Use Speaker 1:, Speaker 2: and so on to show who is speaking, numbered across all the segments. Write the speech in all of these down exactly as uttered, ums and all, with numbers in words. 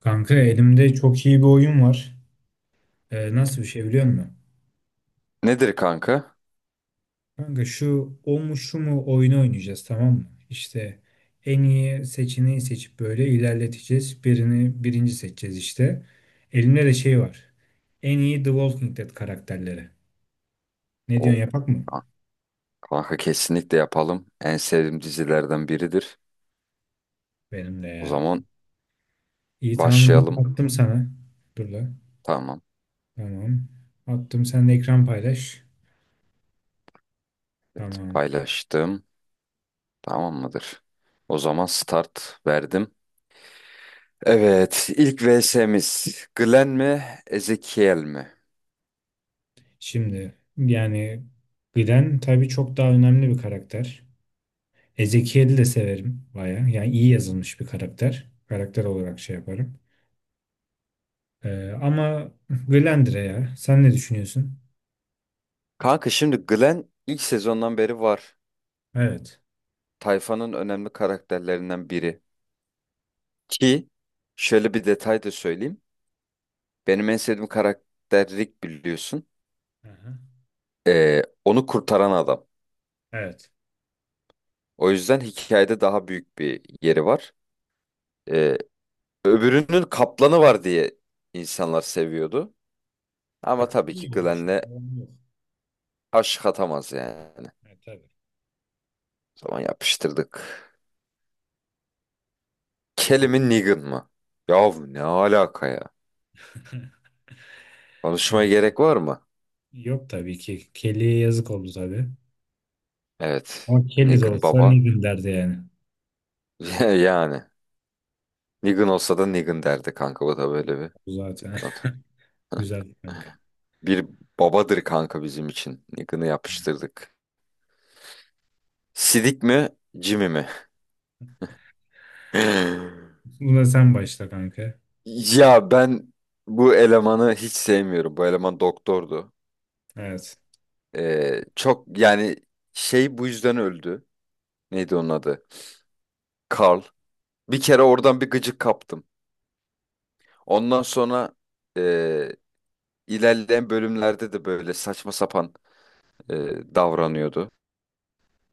Speaker 1: Kanka elimde çok iyi bir oyun var. Ee, nasıl bir şey biliyor musun?
Speaker 2: Nedir kanka?
Speaker 1: Kanka şu o mu şu mu oyunu oynayacağız, tamam mı? İşte en iyi seçeneği seçip böyle ilerleteceğiz. Birini birinci seçeceğiz işte. Elimde de şey var. En iyi The Walking Dead karakterleri. Ne
Speaker 2: O
Speaker 1: diyorsun, yapak mı?
Speaker 2: Kanka kesinlikle yapalım. En sevdiğim dizilerden biridir.
Speaker 1: Benim de
Speaker 2: O
Speaker 1: ya.
Speaker 2: zaman
Speaker 1: İyi tamam, link
Speaker 2: başlayalım.
Speaker 1: attım sana. Dur la.
Speaker 2: Tamam.
Speaker 1: Tamam. Attım, sen de ekran paylaş.
Speaker 2: Evet,
Speaker 1: Tamam.
Speaker 2: paylaştım. Tamam mıdır? O zaman start verdim. Evet, ilk V S'miz Glenn mi, Ezekiel mi?
Speaker 1: Şimdi yani Glenn tabii çok daha önemli bir karakter. Ezekiel'i de severim baya. Yani iyi yazılmış bir karakter. Karakter olarak şey yaparım. Ee, ama Glendra'ya ya. Sen ne düşünüyorsun?
Speaker 2: Kanka şimdi Glenn ilk sezondan beri var.
Speaker 1: Evet.
Speaker 2: Tayfanın önemli karakterlerinden biri. Ki şöyle bir detay da söyleyeyim. Benim en sevdiğim karakter Rick biliyorsun.
Speaker 1: Aha.
Speaker 2: Ee, onu kurtaran adam.
Speaker 1: Evet.
Speaker 2: O yüzden hikayede daha büyük bir yeri var. Ee, Öbürünün kaplanı var diye insanlar seviyordu. Ama
Speaker 1: Yok.
Speaker 2: tabii
Speaker 1: İyi
Speaker 2: ki
Speaker 1: olmuş.
Speaker 2: Glenn'le
Speaker 1: Yalan yok.
Speaker 2: aşk atamaz yani.
Speaker 1: Evet, tabii.
Speaker 2: O zaman yapıştırdık. Kelly mi Negan mı? Yahu ne alaka ya?
Speaker 1: Yani
Speaker 2: Konuşmaya gerek var mı?
Speaker 1: yok tabii ki. Kelly'ye yazık oldu tabii.
Speaker 2: Evet.
Speaker 1: Ama Kelly de
Speaker 2: Negan
Speaker 1: olsa ne
Speaker 2: baba.
Speaker 1: gün derdi yani.
Speaker 2: Yani. Negan olsa da Negan derdi kanka. Bu da böyle bir
Speaker 1: Bu zaten.
Speaker 2: dipnot.
Speaker 1: Güzel kanka.
Speaker 2: Bir babadır kanka bizim için. Negan'ı yapıştırdık. Sidik mi? Jimmy mi?
Speaker 1: Buna sen başla kanka.
Speaker 2: Ya ben bu elemanı hiç sevmiyorum. Bu eleman doktordu.
Speaker 1: Evet.
Speaker 2: Ee, çok yani şey bu yüzden öldü. Neydi onun adı? Carl. Bir kere oradan bir gıcık kaptım. Ondan sonra e, ilerleyen bölümlerde de böyle saçma sapan e, davranıyordu.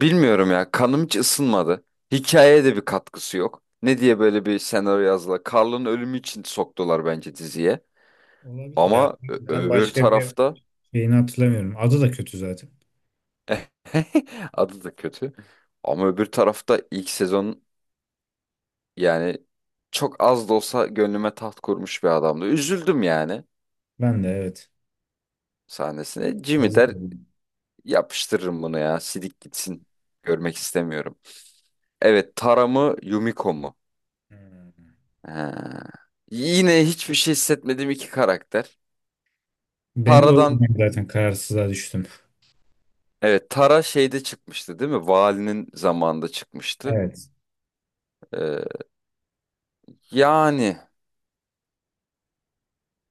Speaker 2: Bilmiyorum ya kanım hiç ısınmadı. Hikayeye de bir katkısı yok. Ne diye böyle bir senaryo yazdılar. Carl'ın ölümü için soktular bence diziye.
Speaker 1: Olabilir ha.
Speaker 2: Ama ö-
Speaker 1: Ben
Speaker 2: öbür
Speaker 1: başka bir
Speaker 2: tarafta
Speaker 1: şeyini hatırlamıyorum. Adı da kötü zaten.
Speaker 2: Adı da kötü. Ama öbür tarafta ilk sezon yani çok az da olsa gönlüme taht kurmuş bir adamdı. Üzüldüm yani
Speaker 1: Ben de evet.
Speaker 2: sahnesine. Jimmy
Speaker 1: Yazık
Speaker 2: der
Speaker 1: oldu.
Speaker 2: yapıştırırım bunu ya. Sidik gitsin. Görmek istemiyorum. Evet, Tara mı Yumiko mu?
Speaker 1: Hmm.
Speaker 2: Ha. Yine hiçbir şey hissetmediğim iki karakter.
Speaker 1: Ben de o
Speaker 2: Tara'dan
Speaker 1: yüzden zaten kararsızlığa düştüm.
Speaker 2: evet Tara şeyde çıkmıştı değil mi? Valinin zamanında çıkmıştı.
Speaker 1: Evet.
Speaker 2: Ee, Yani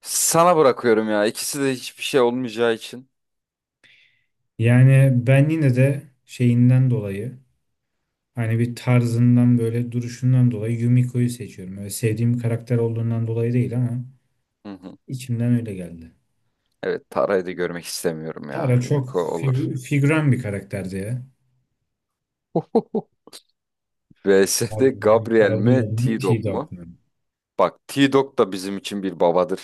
Speaker 2: sana bırakıyorum ya. İkisi de hiçbir şey olmayacağı için.
Speaker 1: Yani ben yine de şeyinden dolayı hani bir tarzından böyle duruşundan dolayı Yumiko'yu seçiyorum. Öyle sevdiğim karakter olduğundan dolayı değil ama
Speaker 2: Hı hı.
Speaker 1: içimden öyle geldi.
Speaker 2: Evet, Tara'yı da görmek istemiyorum ya.
Speaker 1: Tara çok
Speaker 2: Yumiko olur.
Speaker 1: fig- figüran bir karakterdi ya.
Speaker 2: V S'de
Speaker 1: Gabriel'in
Speaker 2: Gabriel mi
Speaker 1: Gabriel'in
Speaker 2: T-Dog mu?
Speaker 1: T-Dog'un.
Speaker 2: Bak T-Dog da bizim için bir babadır.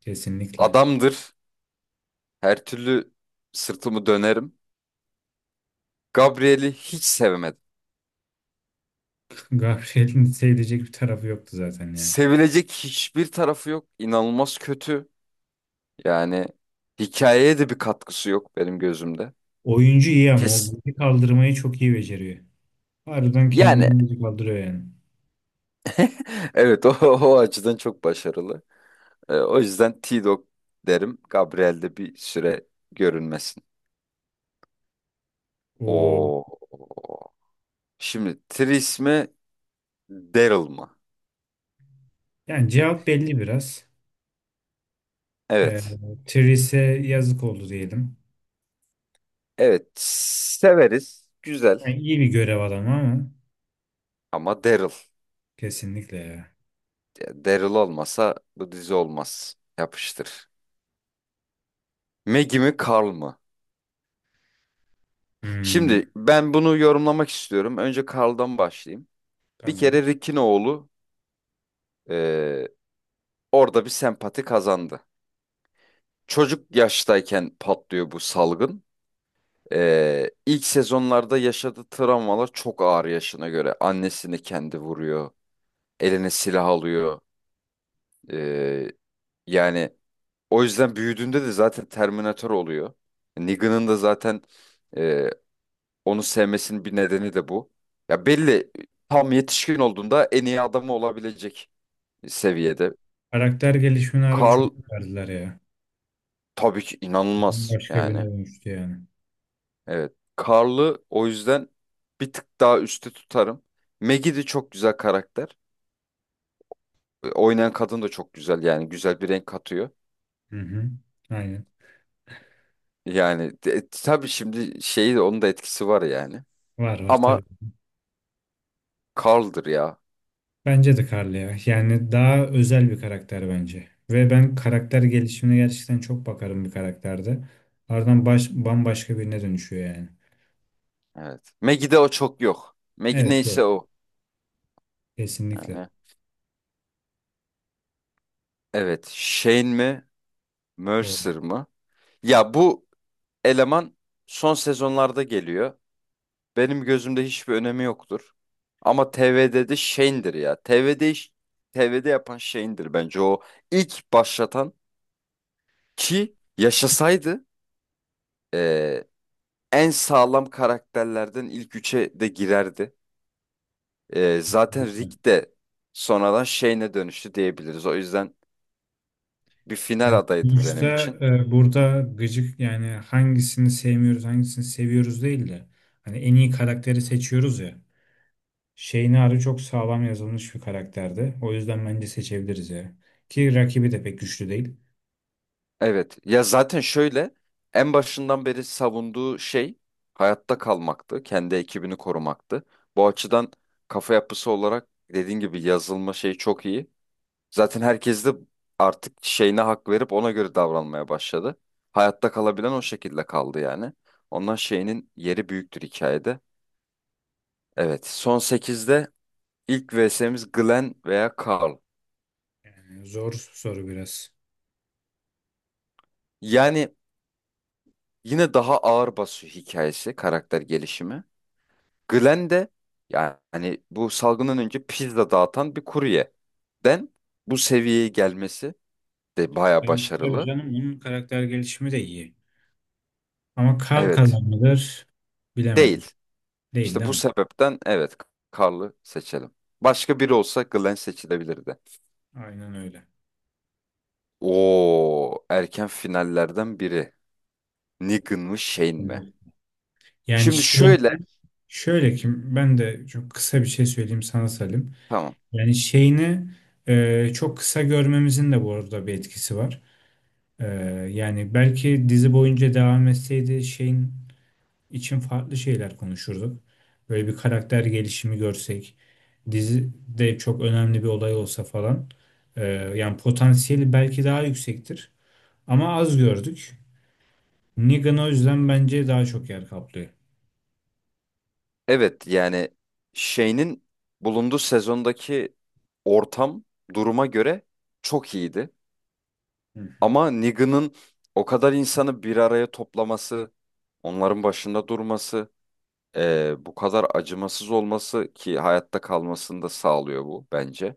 Speaker 1: Kesinlikle.
Speaker 2: Adamdır. Her türlü sırtımı dönerim. Gabriel'i hiç sevemedim.
Speaker 1: Gabriel'in sevilecek bir tarafı yoktu zaten ya.
Speaker 2: Sevilecek hiçbir tarafı yok. İnanılmaz kötü. Yani hikayeye de bir katkısı yok benim gözümde.
Speaker 1: Oyuncu iyi ama o
Speaker 2: Kes.
Speaker 1: bizi kaldırmayı çok iyi beceriyor. Harbiden
Speaker 2: Yani
Speaker 1: kendini bizi kaldırıyor yani.
Speaker 2: evet o, o açıdan çok başarılı. Ee, o yüzden T-Dog derim. Gabriel bir süre görünmesin.
Speaker 1: O.
Speaker 2: O şimdi Tris mi Daryl mı?
Speaker 1: Yani cevap belli biraz. Ee,
Speaker 2: Evet.
Speaker 1: Therese yazık oldu diyelim.
Speaker 2: Evet severiz. Güzel
Speaker 1: Yani iyi bir görev adamı ama
Speaker 2: ama Daryl.
Speaker 1: kesinlikle ya.
Speaker 2: Ya Daryl olmasa bu dizi olmaz. Yapıştır. Maggie mi Carl mı?
Speaker 1: Hmm,
Speaker 2: Şimdi ben bunu yorumlamak istiyorum. Önce Carl'dan başlayayım. Bir
Speaker 1: tamam.
Speaker 2: kere Rick'in oğlu eee, orada bir sempati kazandı. Çocuk yaştayken patlıyor bu salgın. Eee ilk sezonlarda yaşadığı travmalar çok ağır yaşına göre. Annesini kendi vuruyor. Eline silah alıyor. Ee, Yani o yüzden büyüdüğünde de zaten Terminator oluyor. Negan'ın da zaten e, onu sevmesinin bir nedeni de bu. Ya belli tam yetişkin olduğunda en iyi adamı olabilecek seviyede.
Speaker 1: Karakter gelişimini harbi
Speaker 2: Carl
Speaker 1: çok verdiler ya.
Speaker 2: tabii ki inanılmaz
Speaker 1: Başka birine
Speaker 2: yani.
Speaker 1: dönüştü yani.
Speaker 2: Evet. Carl'ı o yüzden bir tık daha üstte tutarım. Maggie de çok güzel karakter. Oynayan kadın da çok güzel yani güzel bir renk katıyor.
Speaker 1: Hı hı. Aynen.
Speaker 2: Yani de- tabii şimdi şeyi onun da etkisi var yani.
Speaker 1: Var var
Speaker 2: Ama
Speaker 1: tabii.
Speaker 2: Carl'dır ya.
Speaker 1: Bence de Carly ya. Yani daha özel bir karakter bence. Ve ben karakter gelişimine gerçekten çok bakarım bir karakterde. Ardından baş, bambaşka birine dönüşüyor yani.
Speaker 2: Evet. Maggie'de o çok yok. Maggie
Speaker 1: Evet, evet.
Speaker 2: neyse o.
Speaker 1: Kesinlikle.
Speaker 2: Yani evet. Shane mi?
Speaker 1: O.
Speaker 2: Mercer mı? Ya bu eleman son sezonlarda geliyor. Benim gözümde hiçbir önemi yoktur. Ama T V'de de Shane'dir ya. T V'de iş- T V'de yapan Shane'dir bence o ilk başlatan ki yaşasaydı eee, en sağlam karakterlerden ilk üçe de girerdi. Ee, zaten Rick de sonradan şeyine dönüştü diyebiliriz. O yüzden bir final
Speaker 1: Evet.
Speaker 2: adayıdır
Speaker 1: Sonuçta
Speaker 2: benim için.
Speaker 1: e, burada gıcık yani hangisini sevmiyoruz, hangisini seviyoruz değil de hani en iyi karakteri seçiyoruz ya. Şeynari çok sağlam yazılmış bir karakterdi. O yüzden bence seçebiliriz ya. Ki rakibi de pek güçlü değil.
Speaker 2: Evet. Ya zaten şöyle en başından beri savunduğu şey hayatta kalmaktı. Kendi ekibini korumaktı. Bu açıdan kafa yapısı olarak dediğin gibi yazılma şeyi çok iyi. Zaten herkes de artık şeyine hak verip ona göre davranmaya başladı. Hayatta kalabilen o şekilde kaldı yani. Ondan şeyinin yeri büyüktür hikayede. Evet. Son sekizde. İlk vs'miz Glenn veya Carl.
Speaker 1: Yani zor soru biraz.
Speaker 2: Yani yine daha ağır basıyor hikayesi, karakter gelişimi. Glenn de yani bu salgından önce pizza dağıtan bir kuryeden bu seviyeye gelmesi de baya
Speaker 1: Evet, tabii
Speaker 2: başarılı.
Speaker 1: canım onun karakter gelişimi de iyi. Ama kal
Speaker 2: Evet,
Speaker 1: kalan mıdır? Bilemedim.
Speaker 2: değil.
Speaker 1: Değil
Speaker 2: İşte
Speaker 1: değil
Speaker 2: bu
Speaker 1: mi?
Speaker 2: sebepten evet Carl'ı seçelim. Başka biri olsa Glenn seçilebilirdi.
Speaker 1: Aynen öyle.
Speaker 2: Oo, erken finallerden biri. Negan mı Shane mi?
Speaker 1: Yani
Speaker 2: Şimdi
Speaker 1: şey,
Speaker 2: şöyle,
Speaker 1: şöyle ki ben de çok kısa bir şey söyleyeyim sana Salim.
Speaker 2: tamam.
Speaker 1: Yani şeyini e, çok kısa görmemizin de bu arada bir etkisi var. E, Yani belki dizi boyunca devam etseydi şeyin için farklı şeyler konuşurduk. Böyle bir karakter gelişimi görsek, dizide çok önemli bir olay olsa falan. E, yani potansiyeli belki daha yüksektir ama az gördük. Negan o yüzden bence daha çok yer kaplıyor.
Speaker 2: Evet yani şeyinin bulunduğu sezondaki ortam duruma göre çok iyiydi.
Speaker 1: Hı hı,
Speaker 2: Ama Negan'ın o kadar insanı bir araya toplaması, onların başında durması, eee, bu kadar acımasız olması ki hayatta kalmasını da sağlıyor bu bence.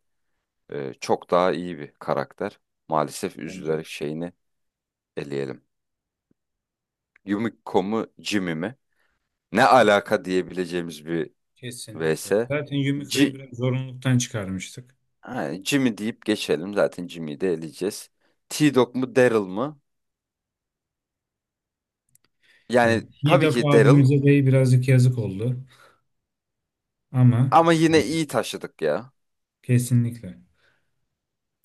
Speaker 2: Eee, çok daha iyi bir karakter. Maalesef
Speaker 1: bence de.
Speaker 2: üzülerek şeyini eleyelim. Yumiko mu Jimmy mi? Ne alaka diyebileceğimiz bir
Speaker 1: Kesinlikle.
Speaker 2: V S.
Speaker 1: Zaten Yumiko'yu biraz zorunluluktan çıkarmıştık.
Speaker 2: Ha, Jimmy deyip geçelim. Zaten Jimmy'yi de eleyeceğiz. T-Dog mu Daryl mı?
Speaker 1: Yani
Speaker 2: Yani tabii
Speaker 1: Hidak
Speaker 2: ki Daryl
Speaker 1: abimize de birazcık yazık oldu ama
Speaker 2: ama yine iyi taşıdık ya.
Speaker 1: kesinlikle.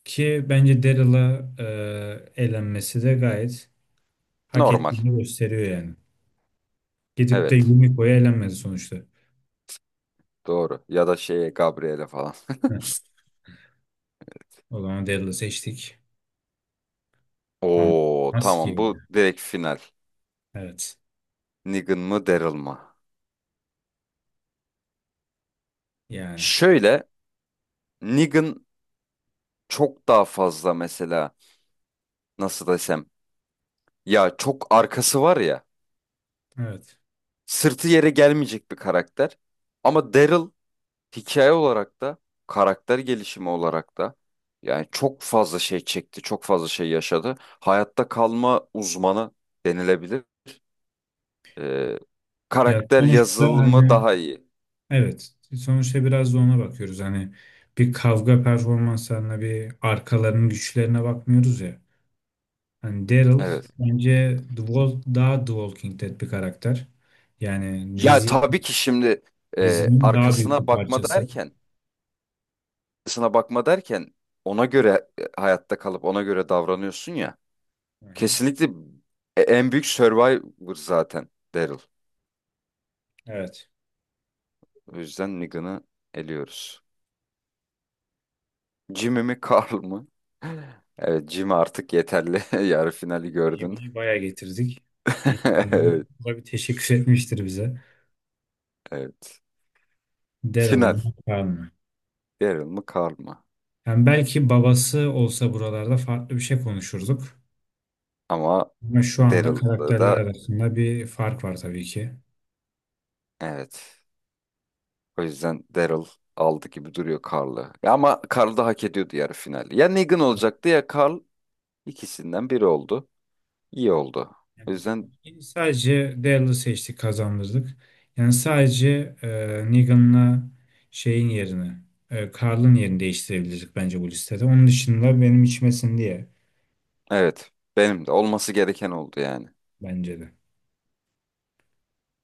Speaker 1: Ki bence Daryl'a e, elenmesi de gayet hak
Speaker 2: Normal.
Speaker 1: ettiğini gösteriyor yani. Gidip de
Speaker 2: Evet.
Speaker 1: Yumiko'ya elenmedi sonuçta.
Speaker 2: Doğru. Ya da şeye Gabriel'e falan.
Speaker 1: Heh, o zaman Daryl'ı seçtik. Ama
Speaker 2: Oo
Speaker 1: maske.
Speaker 2: tamam bu direkt final.
Speaker 1: Evet.
Speaker 2: Negan mı Daryl mı?
Speaker 1: Yani.
Speaker 2: Şöyle Negan çok daha fazla mesela nasıl desem ya çok arkası var ya
Speaker 1: Evet.
Speaker 2: sırtı yere gelmeyecek bir karakter. Ama Daryl hikaye olarak da karakter gelişimi olarak da yani çok fazla şey çekti, çok fazla şey yaşadı. Hayatta kalma uzmanı denilebilir. Ee,
Speaker 1: Ya
Speaker 2: Karakter
Speaker 1: sonuçta
Speaker 2: yazılımı
Speaker 1: hani
Speaker 2: daha iyi.
Speaker 1: evet. Sonuçta biraz da ona bakıyoruz. Hani bir kavga performanslarına bir arkalarının güçlerine bakmıyoruz ya. Yani Daryl
Speaker 2: Evet.
Speaker 1: bence The Wall- daha The Walking Dead bir karakter. Yani
Speaker 2: Ya
Speaker 1: dizi
Speaker 2: tabii ki şimdi e,
Speaker 1: dizinin daha büyük
Speaker 2: arkasına
Speaker 1: bir
Speaker 2: bakma
Speaker 1: parçası.
Speaker 2: derken, arkasına bakma derken ona göre e, hayatta kalıp ona göre davranıyorsun ya.
Speaker 1: Hı hı.
Speaker 2: Kesinlikle e- en büyük survivor zaten Daryl.
Speaker 1: Evet.
Speaker 2: O yüzden Negan'ı eliyoruz. Jimmy mi Carl mı? Evet Jimmy artık yeterli. Yarı finali gördün.
Speaker 1: Jimmy'yi bayağı getirdik. Yeterli.
Speaker 2: Evet,
Speaker 1: Bu da bir teşekkür etmiştir bize.
Speaker 2: evet.
Speaker 1: Daryl
Speaker 2: Final.
Speaker 1: mı? Carl mı?
Speaker 2: Daryl mı Carl mı?
Speaker 1: Yani belki babası olsa buralarda farklı bir şey konuşurduk.
Speaker 2: Ama
Speaker 1: Ama şu anda
Speaker 2: Daryl'da
Speaker 1: karakterler
Speaker 2: da
Speaker 1: arasında bir fark var tabii ki.
Speaker 2: evet. O yüzden Daryl aldı gibi duruyor Carl'ı. Ya ama Carl da hak ediyordu yarı finali. Ya Negan olacaktı ya Carl. İkisinden biri oldu. İyi oldu. O yüzden
Speaker 1: Yani sadece Dell'ı seçtik, kazandırdık. Yani sadece e, Negan'la şeyin yerine e, Carl'ın yerini değiştirebilirdik bence bu listede. Onun dışında benim içmesin diye
Speaker 2: evet. Benim de olması gereken oldu yani.
Speaker 1: bence de.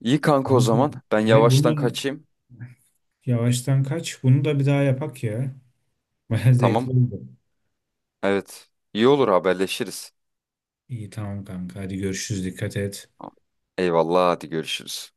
Speaker 2: İyi kanka o
Speaker 1: Kanka,
Speaker 2: zaman. Ben
Speaker 1: he
Speaker 2: yavaştan
Speaker 1: bunu
Speaker 2: kaçayım.
Speaker 1: yavaştan kaç. Bunu da bir daha yapak ya. Baya
Speaker 2: Tamam.
Speaker 1: zevkli oldu.
Speaker 2: Evet. İyi olur haberleşiriz.
Speaker 1: İyi tamam kanka. Hadi görüşürüz. Dikkat et.
Speaker 2: Tamam. Eyvallah hadi görüşürüz.